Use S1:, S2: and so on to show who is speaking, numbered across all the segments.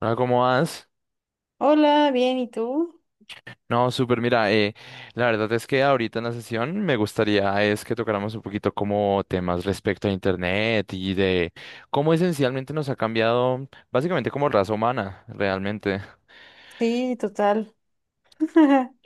S1: Hola, ¿cómo vas?
S2: Hola, bien, ¿y tú?
S1: No, súper, mira, la verdad es que ahorita en la sesión me gustaría es que tocáramos un poquito como temas respecto a Internet y de cómo esencialmente nos ha cambiado básicamente como raza humana, realmente.
S2: Sí, total.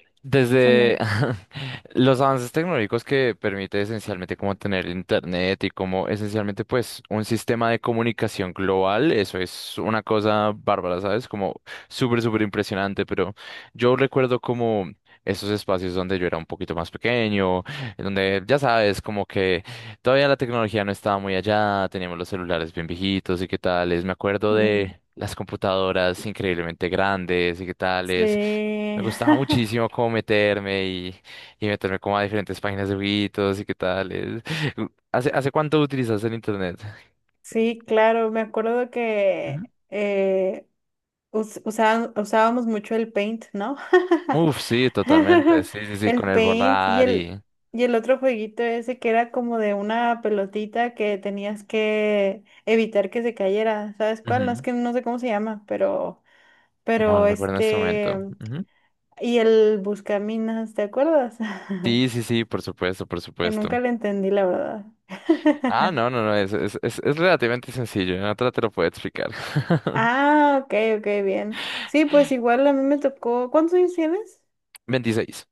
S2: Se me...
S1: Desde los avances tecnológicos que permite esencialmente como tener internet y como esencialmente pues un sistema de comunicación global. Eso es una cosa bárbara, ¿sabes? Como súper, súper impresionante, pero yo recuerdo como esos espacios donde yo era un poquito más pequeño, en donde ya sabes, como que todavía la tecnología no estaba muy allá. Teníamos los celulares bien viejitos y qué tales, me acuerdo
S2: Ujú.
S1: de las computadoras increíblemente grandes y qué tales.
S2: Sí,
S1: Me gustaba muchísimo como meterme y meterme como a diferentes páginas de jueguitos y qué tal. ¿Hace cuánto utilizas el internet?
S2: sí, claro, me acuerdo que
S1: Ujú.
S2: eh, usábamos mucho el Paint, ¿no?
S1: Uf, sí, totalmente. Sí, sí, sí, con
S2: El
S1: el
S2: Paint
S1: borrar y...
S2: y el otro jueguito ese que era como de una pelotita que tenías que evitar que se cayera, ¿sabes cuál? No, es
S1: Ujú.
S2: que no sé cómo se llama,
S1: No, no
S2: pero
S1: recuerdo en este momento. Ujú.
S2: y el Buscaminas, ¿te acuerdas?
S1: Sí, sí, sí, por supuesto, por
S2: Que
S1: supuesto.
S2: nunca le entendí, la verdad.
S1: Ah, no, no, no, es relativamente sencillo. En otra te lo puedo explicar.
S2: Ah, ok, ok, bien. Sí, pues igual a mí me tocó. ¿Cuántos años tienes?
S1: 26.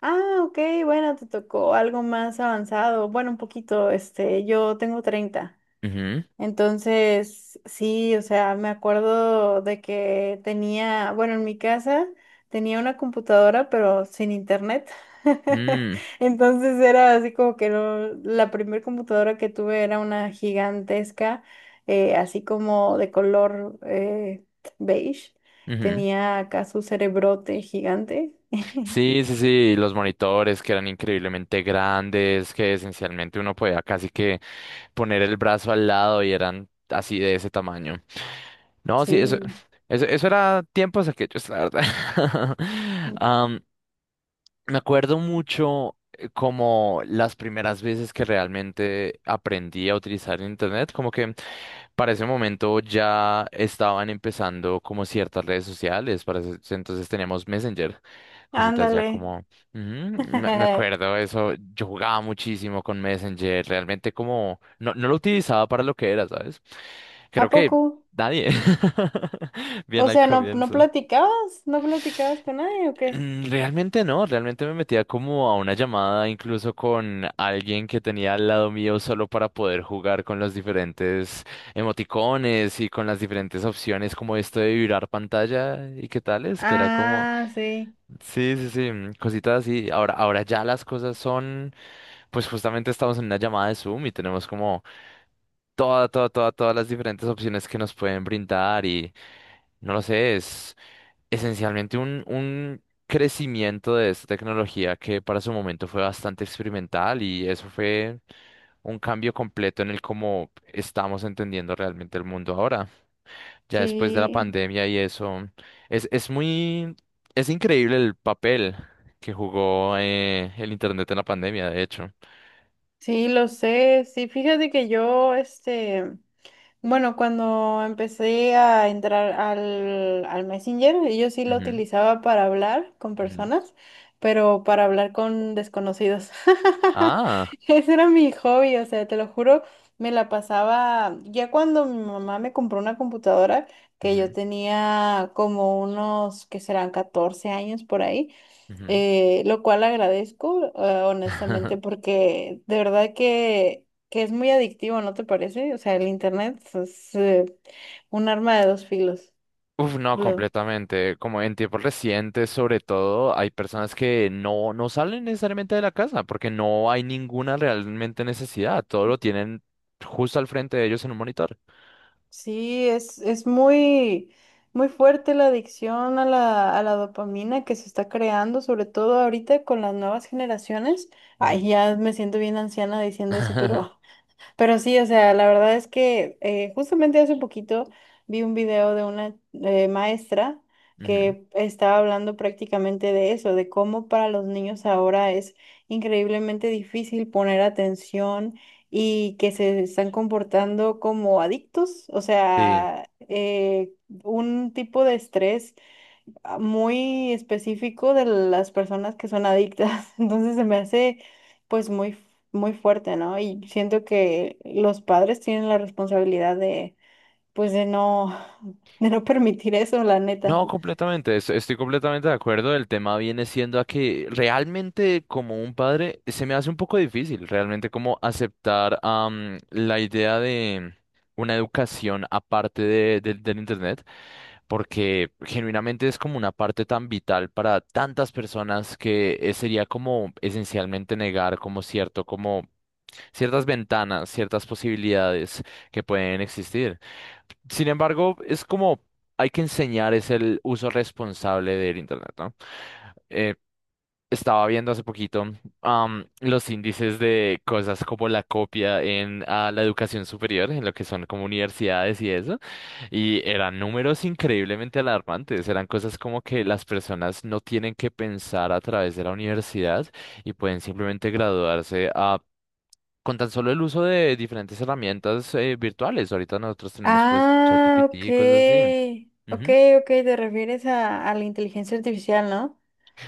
S2: Ah, ok, bueno, te tocó algo más avanzado. Bueno, un poquito, yo tengo 30.
S1: Ujú.
S2: Entonces, sí, o sea, me acuerdo de que tenía, bueno, en mi casa tenía una computadora, pero sin internet.
S1: Mm,
S2: Entonces era así como que no, la primera computadora que tuve era una gigantesca, así como de color beige.
S1: ujú.
S2: Tenía acá su cerebrote gigante.
S1: Sí, sí, sí, los monitores que eran increíblemente grandes, que esencialmente uno podía casi que poner el brazo al lado y eran así de ese tamaño. No, sí, eso,
S2: Sí,
S1: eso era tiempos aquellos, la verdad. Am, me acuerdo mucho como las primeras veces que realmente aprendí a utilizar el internet, como que para ese momento ya estaban empezando como ciertas redes sociales, entonces teníamos Messenger, cositas ya
S2: ándale.
S1: como, ujú, me, me acuerdo eso. Yo jugaba muchísimo con Messenger, realmente como, no, no lo utilizaba para lo que era, ¿sabes?
S2: ¿A
S1: Creo que
S2: poco?
S1: nadie, bien
S2: O
S1: al
S2: sea, ¿no
S1: comienzo.
S2: platicabas? ¿No platicabas con nadie o qué?
S1: Mm, realmente no. Realmente me metía como a una llamada incluso con alguien que tenía al lado mío solo para poder jugar con los diferentes emoticones y con las diferentes opciones como esto de vibrar pantalla y qué tales, que era como,
S2: Ah, sí,
S1: sí, sí, sí, mm, cositas así. Ahora, ahora ya las cosas son, pues justamente estamos en una llamada de Zoom y tenemos como todas las diferentes opciones que nos pueden brindar y no lo sé. Es esencialmente un crecimiento de esta tecnología que para su momento fue bastante experimental y eso fue un cambio completo en el cómo estamos entendiendo realmente el mundo ahora. Ya después de la
S2: sí,
S1: pandemia y eso, es, es muy, es increíble el papel que jugó el Internet en la pandemia, de hecho.
S2: sí, lo sé. Sí, fíjate que yo, este, bueno, cuando empecé a entrar al Messenger, yo sí lo
S1: Ujú,
S2: utilizaba para hablar con
S1: ujú.
S2: personas, pero para hablar con desconocidos.
S1: Ah.
S2: Ese era mi hobby, o sea, te lo juro, me la pasaba, ya cuando mi mamá me compró una computadora, que yo
S1: Ujú,
S2: tenía como unos, que serán 14 años por ahí,
S1: ujú.
S2: lo cual agradezco, honestamente, porque de verdad que es muy adictivo, ¿no te parece? O sea, el internet es, un arma de dos filos.
S1: Uf, no,
S2: Lo-
S1: completamente. Como en tiempos recientes, sobre todo, hay personas que no, no salen necesariamente de la casa porque no hay ninguna realmente necesidad. Todo lo tienen justo al frente de ellos en un monitor.
S2: sí, es muy, muy fuerte la adicción a la dopamina que se está creando, sobre todo ahorita con las nuevas generaciones.
S1: Ujú.
S2: Ay, ya me siento bien anciana diciendo eso. pero Pero sí, o sea, la verdad es que justamente hace poquito vi un video de una maestra
S1: Ujú.
S2: que estaba hablando prácticamente de eso, de cómo para los niños ahora es increíblemente difícil poner atención y que se están comportando como adictos, o
S1: Sí.
S2: sea, un tipo de estrés muy específico de las personas que son adictas. Entonces se me hace pues muy, muy fuerte, ¿no? Y siento que los padres tienen la responsabilidad de pues de no, de no permitir eso, la neta.
S1: No, completamente. Estoy completamente de acuerdo. El tema viene siendo a que realmente como un padre se me hace un poco difícil realmente como aceptar la idea de una educación aparte del internet, porque genuinamente es como una parte tan vital para tantas personas que sería como esencialmente negar como cierto, como ciertas ventanas, ciertas posibilidades que pueden existir. Sin embargo, es como hay que enseñar es el uso responsable del Internet, ¿no? Estaba viendo hace poquito los índices de cosas como la copia en la educación superior, en lo que son como universidades y eso, y eran números increíblemente alarmantes. Eran cosas como que las personas no tienen que pensar a través de la universidad y pueden simplemente graduarse con tan solo el uso de diferentes herramientas virtuales. Ahorita nosotros tenemos pues
S2: Ah,
S1: ChatGPT
S2: ok.
S1: y cosas así.
S2: Ok,
S1: Ujú.
S2: ok, te refieres a la inteligencia artificial, ¿no?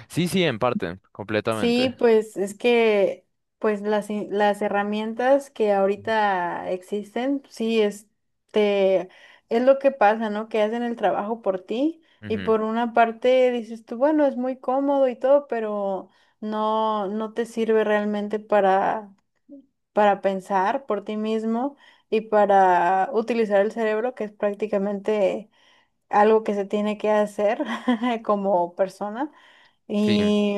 S1: Sí, sí, en parte, completamente.
S2: Sí, pues es que pues las herramientas que
S1: Ujú,
S2: ahorita existen, sí, es lo que pasa, ¿no? Que hacen el trabajo por ti y
S1: ujú,
S2: por una parte dices tú, bueno, es muy cómodo y todo, pero no, no te sirve realmente para pensar por ti mismo y para utilizar el cerebro, que es prácticamente algo que se tiene que hacer como persona.
S1: sí.
S2: Y,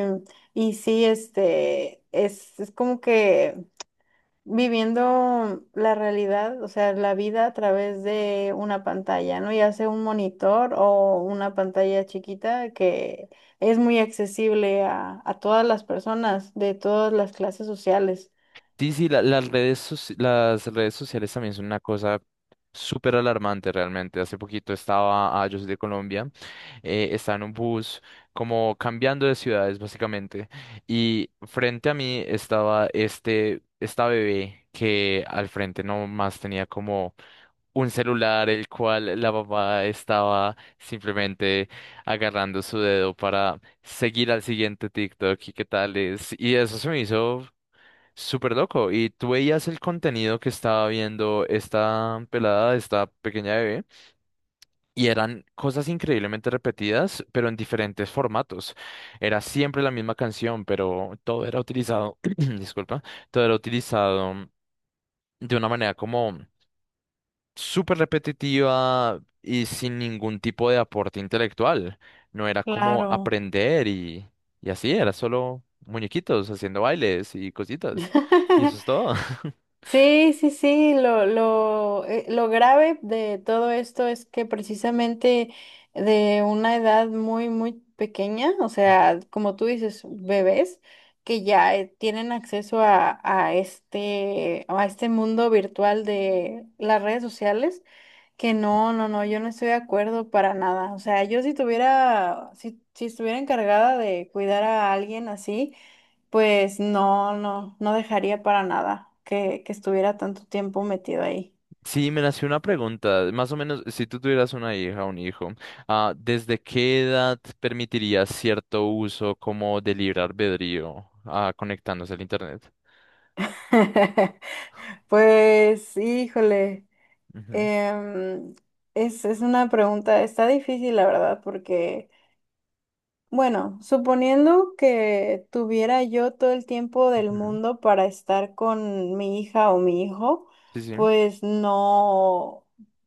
S2: y sí, es como que viviendo la realidad, o sea, la vida a través de una pantalla, ¿no? Ya sea un monitor o una pantalla chiquita que es muy accesible a todas las personas de todas las clases sociales.
S1: Sí, sí, las redes, las redes sociales también son una cosa súper alarmante realmente. Hace poquito estaba, ah, yo soy de Colombia, estaba en un bus como cambiando de ciudades básicamente, y frente a mí estaba este, esta bebé que al frente nomás tenía como un celular el cual la papá estaba simplemente agarrando su dedo para seguir al siguiente TikTok y qué tal es. Y eso se me hizo... súper loco. Y tú veías el contenido que estaba viendo esta pelada, esta pequeña bebé, y eran cosas increíblemente repetidas, pero en diferentes formatos. Era siempre la misma canción, pero todo era utilizado, disculpa, todo era utilizado de una manera como súper repetitiva y sin ningún tipo de aporte intelectual. No era como
S2: Claro.
S1: aprender y así, era solo muñequitos haciendo bailes y cositas. Y eso es todo.
S2: Sí, sí, sí, lo grave de todo esto es que precisamente de una edad muy, muy pequeña, o sea, como tú dices, bebés que ya tienen acceso a este mundo virtual de las redes sociales. Que no, no, no, yo no estoy de acuerdo para nada. O sea, yo si tuviera, si, si estuviera encargada de cuidar a alguien así, pues no, no, no dejaría para nada que estuviera tanto tiempo metido ahí.
S1: Sí, me nació una pregunta. Más o menos, si tú tuvieras una hija o un hijo, ah, ¿desde qué edad permitirías cierto uso como de libre albedrío, ah, conectándose al internet?
S2: Pues, híjole,
S1: Ujú,
S2: em, es una pregunta, está difícil la verdad, porque bueno, suponiendo que tuviera yo todo el tiempo del
S1: ujú.
S2: mundo para estar con mi hija o mi hijo,
S1: Sí, sí.
S2: pues no,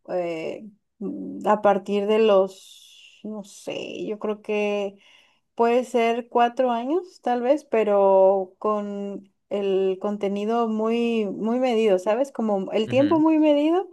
S2: eh, a partir de los, no sé, yo creo que puede ser 4 años, tal vez, pero con el contenido muy, muy medido, ¿sabes? Como el tiempo
S1: Ujú,
S2: muy medido.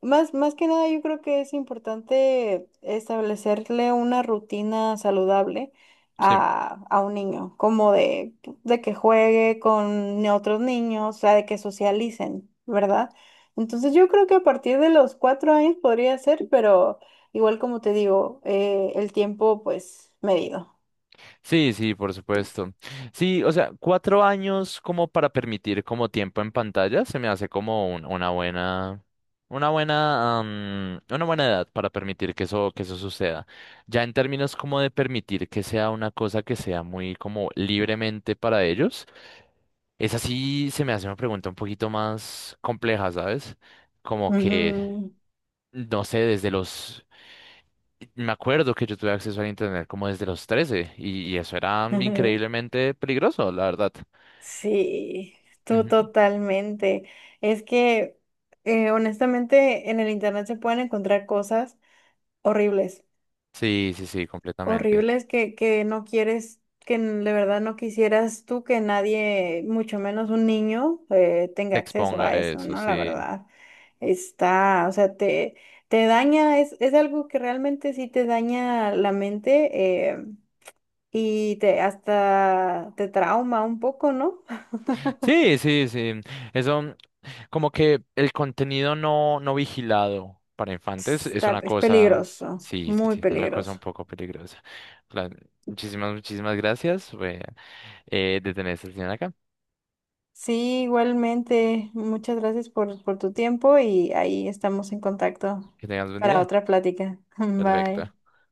S2: Más que nada, yo creo que es importante establecerle una rutina saludable
S1: sí.
S2: a un niño, como de que juegue con otros niños, o sea, de que socialicen, ¿verdad? Entonces, yo creo que a partir de los 4 años podría ser, pero igual como te digo, el tiempo pues medido.
S1: Sí, sí, por supuesto. Sí, o sea, 4 años como para permitir como tiempo en pantalla, se me hace como una buena, una buena, una buena edad para permitir que eso suceda. Ya en términos como de permitir que sea una cosa que sea muy como libremente para ellos, esa sí se me hace una pregunta un poquito más compleja, ¿sabes? Como que,
S2: Ujú,
S1: no sé, desde los y me acuerdo que yo tuve acceso al internet como desde los 13 y eso era
S2: ujú.
S1: increíblemente peligroso, la verdad.
S2: Sí, tú
S1: Ujú.
S2: totalmente. Es que honestamente en el internet se pueden encontrar cosas horribles,
S1: Sí, sí, sí, completamente.
S2: horribles que no quieres, de verdad no quisieras tú que nadie, mucho menos un niño,
S1: Te
S2: tenga acceso
S1: exponga
S2: a
S1: a
S2: eso,
S1: eso,
S2: ¿no? La
S1: sí.
S2: verdad. Está, o sea, te daña, es algo que realmente sí te daña la mente y te hasta te trauma un poco, ¿no?
S1: Sí, sí, sí. Eso, mm, como que el contenido no, no vigilado para infantes es
S2: Está,
S1: una
S2: es
S1: cosa,
S2: peligroso,
S1: sí, sí,
S2: muy
S1: sí, es una cosa un
S2: peligroso.
S1: poco peligrosa. La- muchísimas, muchísimas gracias, fue, de tener esta sesión acá.
S2: Sí, igualmente, muchas gracias por tu tiempo y ahí estamos en contacto
S1: Que tengas buen
S2: para
S1: día.
S2: otra plática. Bye.
S1: Perfecto.